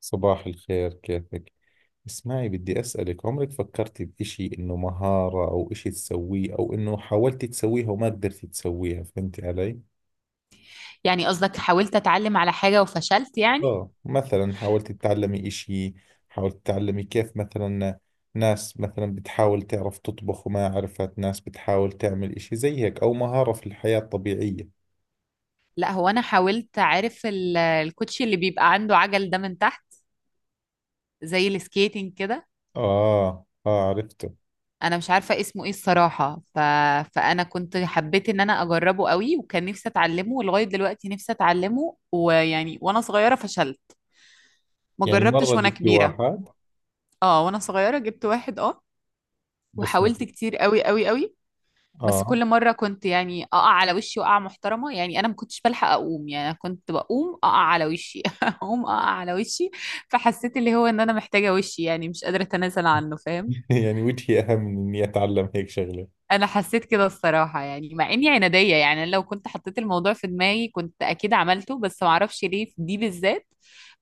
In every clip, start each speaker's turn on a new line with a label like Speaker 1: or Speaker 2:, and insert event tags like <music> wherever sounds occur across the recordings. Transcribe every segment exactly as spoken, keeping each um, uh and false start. Speaker 1: صباح الخير، كيفك؟ اسمعي، بدي أسألك، عمرك فكرتي بإشي إنه مهارة أو إشي تسويه أو إنه حاولتي تسويها وما قدرتي تسويها؟ فهمتي علي؟
Speaker 2: يعني قصدك حاولت اتعلم على حاجة وفشلت يعني.
Speaker 1: آه، مثلا حاولتي تتعلمي إشي. حاولتي تتعلمي كيف؟ مثلا ناس مثلا بتحاول تعرف تطبخ وما عرفت، ناس بتحاول تعمل إشي زي هيك أو مهارة في الحياة الطبيعية.
Speaker 2: لا هو انا حاولت، عارف ال- الكوتشي اللي بيبقى عنده عجل ده من تحت، زي السكيتنج كده.
Speaker 1: آه، آه، عرفته.
Speaker 2: انا مش عارفة اسمه ايه الصراحة ف... فانا كنت حبيت ان انا اجربه قوي، وكان نفسي اتعلمه ولغاية دلوقتي نفسي اتعلمه، ويعني وانا صغيرة فشلت، ما
Speaker 1: يعني مرة
Speaker 2: جربتش وانا
Speaker 1: جبت
Speaker 2: كبيرة.
Speaker 1: واحد.
Speaker 2: اه وانا صغيرة جبت واحد، اه،
Speaker 1: بس م-
Speaker 2: وحاولت كتير قوي قوي قوي. بس
Speaker 1: آه.
Speaker 2: كل مرة كنت يعني أقع على وشي وقعة محترمة، يعني أنا ما كنتش بلحق أقوم، يعني أنا كنت بقوم أقع على وشي <laughs> أقوم أقع على وشي. فحسيت اللي هو إن أنا محتاجة وشي، يعني مش قادرة أتنازل عنه، فاهم؟
Speaker 1: <laughs> يعني وجهي أهم من إني أتعلم هيك شغلة.
Speaker 2: أنا حسيت كده الصراحة، يعني مع إني عنادية، يعني أنا لو كنت حطيت الموضوع في دماغي كنت أكيد عملته، بس ما أعرفش ليه في دي بالذات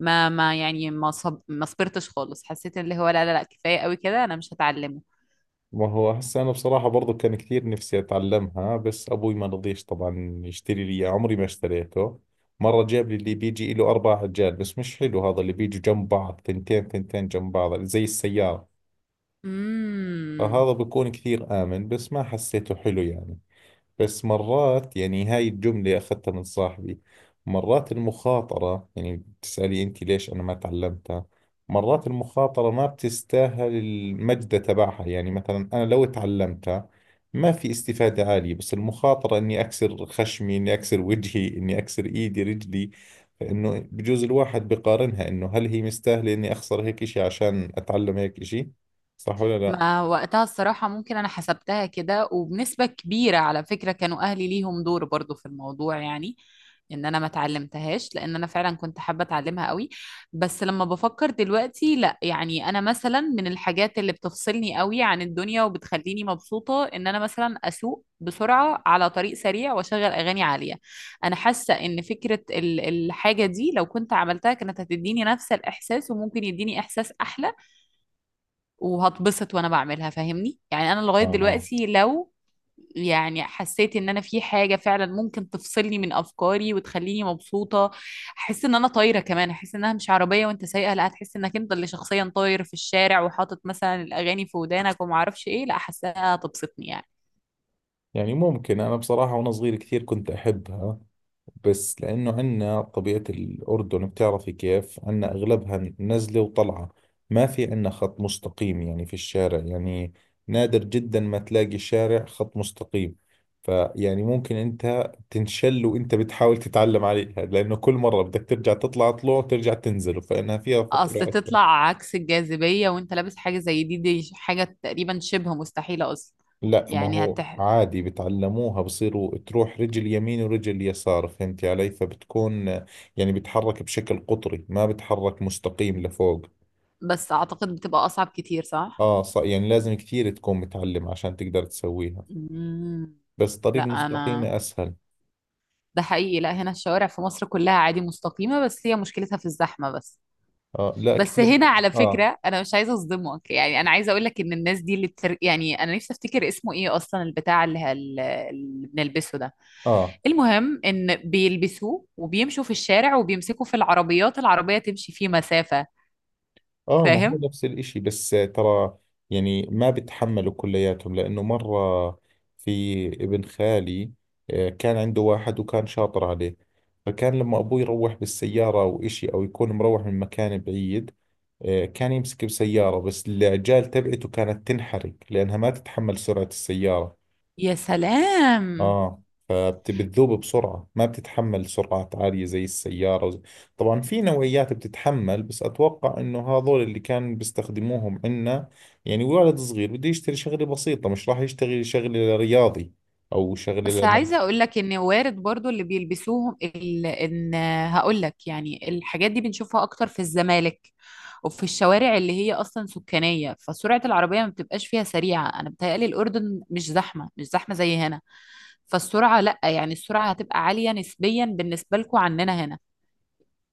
Speaker 2: ما ما يعني ما صب... ما صبرتش خالص، حسيت اللي هو لا لا لا، كفاية قوي كده، أنا مش هتعلمه.
Speaker 1: ما هو هسه أنا بصراحة برضو كان كثير نفسي أتعلمها، بس أبوي ما رضيش طبعا يشتري لي إياه، عمري ما اشتريته. مرة جاب لي اللي بيجي له أربع عجال، بس مش حلو هذا اللي بيجوا جنب بعض ثنتين ثنتين جنب بعض زي السيارة.
Speaker 2: امم
Speaker 1: فهذا بكون كثير آمن، بس ما حسيته حلو يعني. بس مرات يعني هاي الجملة أخذتها من صاحبي. مرات المخاطرة، يعني بتسألي أنت ليش أنا ما تعلمتها؟ مرات المخاطرة ما بتستاهل المجد تبعها. يعني مثلا أنا لو تعلمتها ما في استفادة عالية، بس المخاطرة إني أكسر خشمي، إني أكسر وجهي، إني أكسر إيدي رجلي. فإنه بجوز الواحد بقارنها، إنه هل هي مستاهلة إني أخسر هيك إشي عشان أتعلم هيك إشي؟ صح ولا لا؟
Speaker 2: ما وقتها الصراحة ممكن أنا حسبتها كده، وبنسبة كبيرة على فكرة كانوا أهلي ليهم دور برضو في الموضوع، يعني إن أنا ما اتعلمتهاش، لأن أنا فعلا كنت حابة أتعلمها قوي. بس لما بفكر دلوقتي لا، يعني أنا مثلا من الحاجات اللي بتفصلني قوي عن الدنيا وبتخليني مبسوطة إن أنا مثلا أسوق بسرعة على طريق سريع وأشغل أغاني عالية. أنا حاسة إن فكرة ال- الحاجة دي لو كنت عملتها كانت هتديني نفس الإحساس، وممكن يديني إحساس أحلى، وهتبسط وانا بعملها، فاهمني؟ يعني انا لغاية
Speaker 1: آه، آه.
Speaker 2: دلوقتي لو يعني حسيت ان انا في حاجة فعلا ممكن تفصلني من افكاري وتخليني مبسوطة، احس ان انا طايرة، كمان احس انها مش عربية وانت سايقة، لا هتحس انك انت اللي شخصيا طاير في الشارع وحاطط مثلا الاغاني في ودانك وما اعرفش ايه، لا احسها هتبسطني يعني.
Speaker 1: يعني ممكن، أنا بصراحة وأنا صغير كثير كنت أحبها، بس لأنه عندنا طبيعة الأردن بتعرفي كيف، عندنا أغلبها نزلة وطلعة. ما في عندنا خط مستقيم يعني في الشارع. يعني نادر جدا ما تلاقي شارع خط مستقيم. فيعني ممكن أنت تنشل وأنت بتحاول تتعلم عليها، لأنه كل مرة بدك ترجع تطلع طلوع وترجع تنزل، فإنها فيها
Speaker 2: اصل
Speaker 1: خطورة.
Speaker 2: تطلع عكس الجاذبية وانت لابس حاجة زي دي، دي حاجة تقريبا شبه مستحيلة اصلا.
Speaker 1: لا، ما
Speaker 2: يعني
Speaker 1: هو
Speaker 2: هتح...
Speaker 1: عادي بتعلموها، بصيروا تروح رجل يمين ورجل يسار، فهمتي علي؟ فبتكون يعني بتحرك بشكل قطري، ما بتحرك مستقيم لفوق.
Speaker 2: بس اعتقد بتبقى اصعب كتير، صح؟
Speaker 1: اه، ص... يعني لازم كثير تكون متعلم عشان تقدر تسويها.
Speaker 2: مم.
Speaker 1: بس
Speaker 2: لا
Speaker 1: طريق
Speaker 2: انا،
Speaker 1: مستقيمة اسهل.
Speaker 2: ده حقيقي، لا هنا الشوارع في مصر كلها عادي مستقيمة، بس هي مشكلتها في الزحمة بس.
Speaker 1: اه، لا
Speaker 2: بس
Speaker 1: كثير.
Speaker 2: هنا على
Speaker 1: اه،
Speaker 2: فكرة أنا مش عايزة أصدمك، يعني أنا عايزة أقول لك إن الناس دي اللي بتر... يعني أنا نفسي أفتكر اسمه إيه أصلا البتاع اللي, ه- اللي بنلبسه ده،
Speaker 1: اه،
Speaker 2: المهم إن بيلبسوه وبيمشوا في الشارع وبيمسكوا في العربيات، العربية تمشي فيه مسافة،
Speaker 1: اه، ما هو
Speaker 2: فاهم؟
Speaker 1: نفس الاشي، بس ترى يعني ما بتحملوا كلياتهم. لانه مرة في ابن خالي، آه، كان عنده واحد وكان شاطر عليه. فكان لما ابوه يروح بالسيارة او اشي، او يكون مروح من مكان بعيد، آه، كان يمسك بسيارة، بس العجال تبعته كانت تنحرق لانها ما تتحمل سرعة السيارة.
Speaker 2: يا سلام.
Speaker 1: اه، فبتذوب بسرعة، ما بتتحمل سرعات عالية زي السيارة وز- طبعا في نوعيات بتتحمل، بس أتوقع إنه هذول اللي كان بيستخدموهم عنا. يعني ولد صغير بده يشتري شغلة بسيطة مش راح يشتغل شغلة رياضي، أو شغلة
Speaker 2: بس عايزة
Speaker 1: لناس.
Speaker 2: اقول لك ان وارد برضو اللي بيلبسوهم ال... ان، هقول لك يعني الحاجات دي بنشوفها اكتر في الزمالك وفي الشوارع اللي هي اصلا سكانية، فسرعة العربية ما بتبقاش فيها سريعة، انا بتهيألي الاردن مش زحمة مش زحمة زي هنا، فالسرعة لا يعني السرعة هتبقى عالية نسبيا بالنسبة لكم عننا هنا،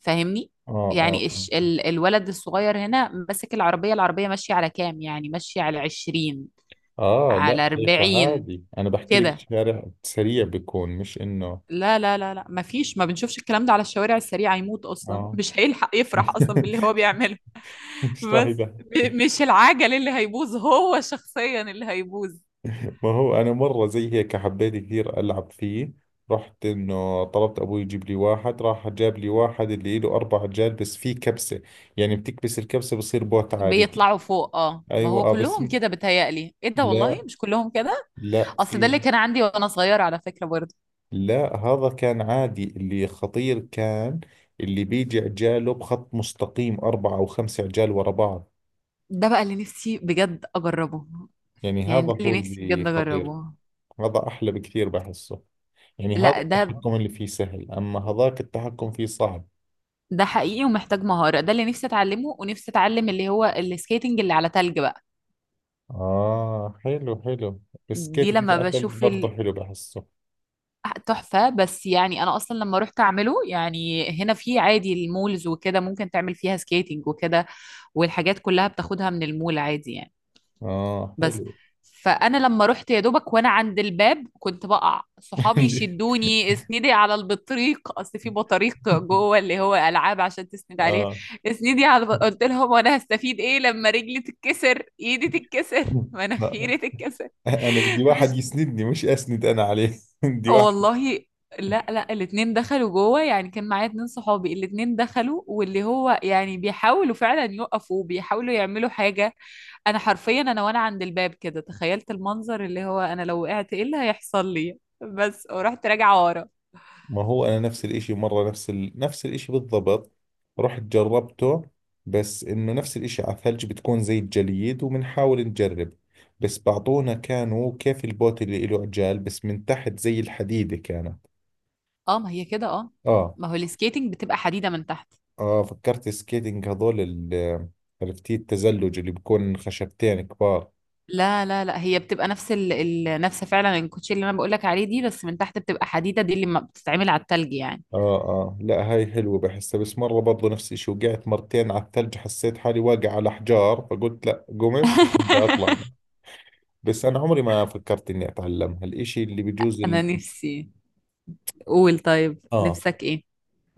Speaker 2: فاهمني؟
Speaker 1: اه، اه،
Speaker 2: يعني الش...
Speaker 1: اه،
Speaker 2: ال... الولد الصغير هنا ماسك العربية، العربية ماشية على كام؟ يعني ماشية على عشرين،
Speaker 1: آه، لا
Speaker 2: على
Speaker 1: هيك
Speaker 2: أربعين
Speaker 1: عادي، أنا بحكي لك
Speaker 2: كده.
Speaker 1: شارع سريع بيكون مش إنه.
Speaker 2: لا لا لا لا، ما فيش، ما بنشوفش الكلام ده على الشوارع السريعة، يموت أصلا <laughs>
Speaker 1: اه.
Speaker 2: مش هيلحق يفرح
Speaker 1: <laughs>
Speaker 2: أصلا باللي هو بيعمله.
Speaker 1: مش راح
Speaker 2: بس
Speaker 1: يبهدل.
Speaker 2: ب- مش العجل اللي هيبوظ، هو شخصيا اللي هيبوظ،
Speaker 1: ما هو أنا مرة زي هيك حبيت كثير ألعب فيه. رحت إنه طلبت أبوي يجيب لي واحد، راح جاب لي واحد اللي له أربع عجال، بس فيه كبسة. يعني بتكبس الكبسة بصير بوت عادي.
Speaker 2: بيطلعوا فوق. اه ما
Speaker 1: أيوة،
Speaker 2: هو
Speaker 1: آه، بس
Speaker 2: كلهم
Speaker 1: م-
Speaker 2: كده، بيتهيألي ايه ده، والله
Speaker 1: لا،
Speaker 2: مش كلهم كده،
Speaker 1: لا،
Speaker 2: اصل ده
Speaker 1: في.
Speaker 2: اللي كان عندي وانا صغيرة على فكرة برضه.
Speaker 1: لا، هذا كان عادي. اللي خطير كان اللي بيجي عجاله بخط مستقيم أربعة أو خمسة عجال ورا بعض.
Speaker 2: ده بقى اللي نفسي بجد اجربه،
Speaker 1: يعني
Speaker 2: يعني
Speaker 1: هذا
Speaker 2: ده
Speaker 1: هو
Speaker 2: اللي نفسي
Speaker 1: اللي
Speaker 2: بجد
Speaker 1: خطير.
Speaker 2: اجربه.
Speaker 1: هذا أحلى بكثير بحسه. يعني هذا
Speaker 2: لا ده،
Speaker 1: التحكم اللي فيه سهل، أما هذاك التحكم فيه صعب.
Speaker 2: ده حقيقي ومحتاج مهارة، ده اللي نفسي اتعلمه، ونفسي اتعلم اللي هو السكيتنج اللي على تلج بقى.
Speaker 1: آه، حلو حلو. السكيت
Speaker 2: دي
Speaker 1: كده
Speaker 2: لما
Speaker 1: على ثلج
Speaker 2: بشوف
Speaker 1: برضه
Speaker 2: ال...
Speaker 1: حلو بحسه.
Speaker 2: تحفة. بس يعني أنا أصلا لما رحت أعمله، يعني هنا في عادي المولز وكده ممكن تعمل فيها سكيتنج وكده، والحاجات كلها بتاخدها من المول عادي يعني.
Speaker 1: آه،
Speaker 2: بس
Speaker 1: حلو.
Speaker 2: فأنا لما رحت يا دوبك وأنا عند الباب كنت بقع، صحابي
Speaker 1: <laughs>
Speaker 2: يشدوني اسندي على البطريق، أصل في بطريق جوه، اللي هو ألعاب عشان تسند عليها.
Speaker 1: آه،
Speaker 2: اسندي على الب- قلت لهم وأنا هستفيد إيه لما رجلي تتكسر، إيدي تتكسر،
Speaker 1: لا
Speaker 2: مناخيري تتكسر.
Speaker 1: أنا بدي
Speaker 2: <laughs>
Speaker 1: واحد
Speaker 2: مش،
Speaker 1: يسندني، مش أسند أنا عليه. <laughs> بدي
Speaker 2: آه،
Speaker 1: واحد.
Speaker 2: والله. لا لا، الاتنين دخلوا جوه، يعني كان معايا اتنين صحابي، الاتنين دخلوا، واللي هو يعني بيحاولوا فعلا يقفوا، بيحاولوا يعملوا حاجة. انا حرفيا انا وانا عند الباب كده تخيلت المنظر اللي هو انا لو وقعت ايه اللي هيحصل لي، بس ورحت راجعة ورا.
Speaker 1: ما هو أنا نفس الإشي، مرة نفس ال... نفس الإشي بالضبط. رحت جربته، بس إنه نفس الإشي على الثلج بتكون زي الجليد وبنحاول نجرب. بس بعطونا كانوا كيف، البوت اللي إله عجال بس من تحت زي الحديدة كانت.
Speaker 2: اه ما هي كده، اه،
Speaker 1: آه،
Speaker 2: ما هو السكيتنج بتبقى حديدة من تحت.
Speaker 1: اه، فكرت سكيتنج هذول ال- عرفتي التزلج اللي بكون خشبتين كبار؟
Speaker 2: لا لا لا هي بتبقى نفس ال... ال... نفس فعلا الكوتشي اللي انا بقولك عليه دي، بس من تحت بتبقى حديدة، دي اللي ما بتتعمل على التلج يعني.
Speaker 1: اه، اه، لا هاي حلوة بحسها، بس مرة برضو نفس الشيء، وقعت مرتين على الثلج، حسيت حالي واقع على حجار، فقلت لا، قمت وقلت بدي اطلع. بس انا عمري ما فكرت اني اتعلمها الاشي اللي
Speaker 2: <laughs>
Speaker 1: بجوز اللي،
Speaker 2: انا نفسي، قول طيب
Speaker 1: اه
Speaker 2: نفسك ايه.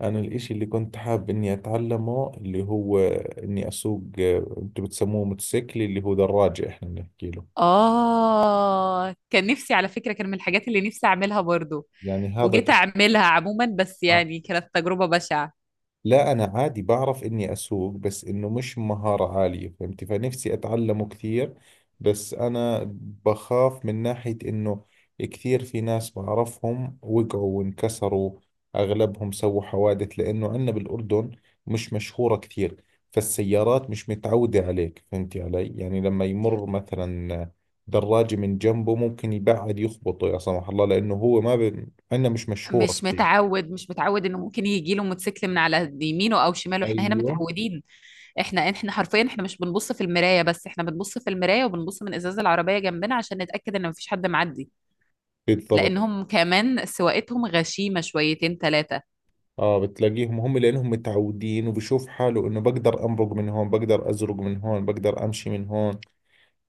Speaker 1: انا الاشي اللي كنت حاب اني اتعلمه اللي هو اني اسوق، آه، انتم بتسموه موتوسيكل، اللي هو دراجة احنا بنحكي له.
Speaker 2: اه كان نفسي على فكرة، كان من الحاجات اللي نفسي اعملها برضو،
Speaker 1: يعني هذا
Speaker 2: وجيت
Speaker 1: ج-
Speaker 2: اعملها عموما، بس يعني كانت تجربة بشعة.
Speaker 1: لا أنا عادي بعرف إني أسوق، بس إنه مش مهارة عالية، فهمتي؟ فنفسي أتعلمه كثير. بس أنا بخاف من ناحية إنه كثير في ناس بعرفهم وقعوا وانكسروا، أغلبهم سووا حوادث، لأنه عندنا بالأردن مش مشهورة كثير. فالسيارات مش متعودة عليك، فهمتي علي؟ يعني لما يمر مثلا دراجة من جنبه ممكن يبعد يخبطه، يا سمح الله، لأنه هو ما ب... عندنا مش مشهورة
Speaker 2: مش
Speaker 1: كثير.
Speaker 2: متعود، مش متعود انه ممكن يجي له موتوسيكل من على يمينه او شماله، احنا هنا
Speaker 1: ايوه،
Speaker 2: متعودين. احنا احنا حرفيا احنا مش بنبص في المراية بس، احنا بنبص في المراية وبنبص من ازاز العربية جنبنا عشان نتأكد ان مفيش حد معدي،
Speaker 1: بالضبط.
Speaker 2: لانهم كمان سواقتهم غشيمة شويتين ثلاثة.
Speaker 1: اه، بتلاقيهم هم لانهم متعودين، وبشوف حاله انه بقدر امرق من هون، بقدر ازرق من هون، بقدر امشي من هون.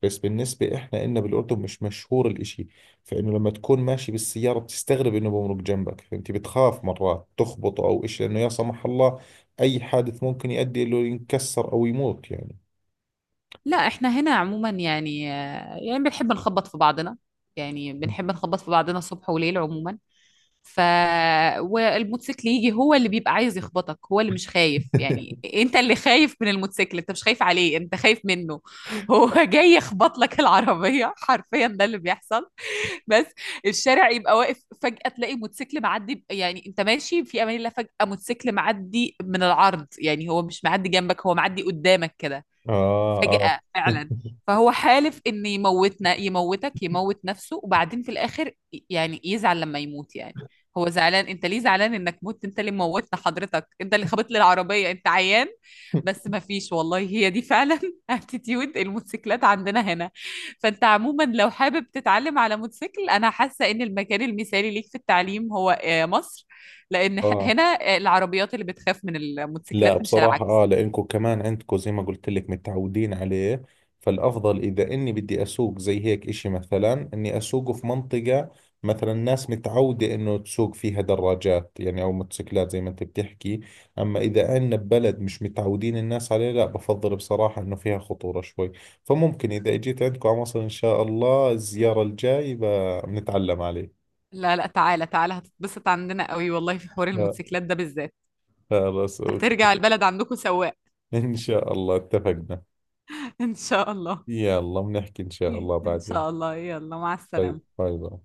Speaker 1: بس بالنسبة احنا إلنا بالاردن مش مشهور الاشي. فانه لما تكون ماشي بالسيارة بتستغرب انه بمرق جنبك، فانت بتخاف مرات تخبط او اشي، لانه يا سمح الله، اي حادث ممكن يؤدي انه ينكسر او يموت يعني.
Speaker 2: لا احنا هنا عموما يعني، يعني بنحب نخبط في بعضنا، يعني بنحب نخبط في بعضنا صبح وليل عموما. ف والموتوسيكل يجي هو اللي بيبقى عايز يخبطك، هو اللي مش خايف، يعني
Speaker 1: <laughs>
Speaker 2: انت اللي خايف من الموتوسيكل، انت مش خايف عليه، انت خايف منه. هو جاي يخبط لك العربية، حرفيا ده اللي بيحصل. بس الشارع يبقى واقف فجأة تلاقي موتوسيكل معدي، يعني انت ماشي في امان الله فجأة موتوسيكل معدي من العرض، يعني هو مش معدي جنبك، هو معدي قدامك كده
Speaker 1: اه، اه.
Speaker 2: فجأة فعلا.
Speaker 1: <laughs>
Speaker 2: فهو حالف ان يموتنا، يموتك يموت نفسه، وبعدين في الاخر يعني يزعل لما يموت، يعني هو زعلان، انت ليه زعلان انك مت، انت اللي موتنا حضرتك، انت اللي خبطت لي العربية، انت عيان. بس ما فيش والله، هي دي فعلا <laughs> اتيتيود الموتوسيكلات عندنا هنا. فانت عموما لو حابب تتعلم على موتوسيكل، انا حاسة ان المكان المثالي ليك في التعليم هو آه، مصر، لان ح-
Speaker 1: اه،
Speaker 2: هنا آه، العربيات اللي بتخاف من
Speaker 1: لا
Speaker 2: الموتوسيكلات مش
Speaker 1: بصراحة، اه
Speaker 2: العكس.
Speaker 1: لانكم كمان عندكم زي ما قلت لك متعودين عليه. فالافضل اذا اني بدي اسوق زي هيك اشي، مثلا اني اسوقه في منطقة مثلا ناس متعودة انه تسوق فيها دراجات يعني، او موتوسيكلات زي ما انت بتحكي. اما اذا عندنا ببلد مش متعودين الناس عليه، لا بفضل بصراحة انه فيها خطورة شوي. فممكن اذا اجيت عندكم على مصر ان شاء الله الزيارة الجاي ب- بنتعلم عليه.
Speaker 2: لا لا، تعالى تعالى، هتتبسط عندنا قوي والله في حوار
Speaker 1: خ-
Speaker 2: الموتوسيكلات ده بالذات،
Speaker 1: خلص،
Speaker 2: هترجع
Speaker 1: اوكي.
Speaker 2: البلد عندكم سواق.
Speaker 1: ان شاء الله اتفقنا.
Speaker 2: <laughs> ان شاء الله.
Speaker 1: يلا بنحكي ان شاء الله
Speaker 2: ان
Speaker 1: بعدين.
Speaker 2: شاء الله، يلا مع
Speaker 1: طيب،
Speaker 2: السلامة.
Speaker 1: طيب.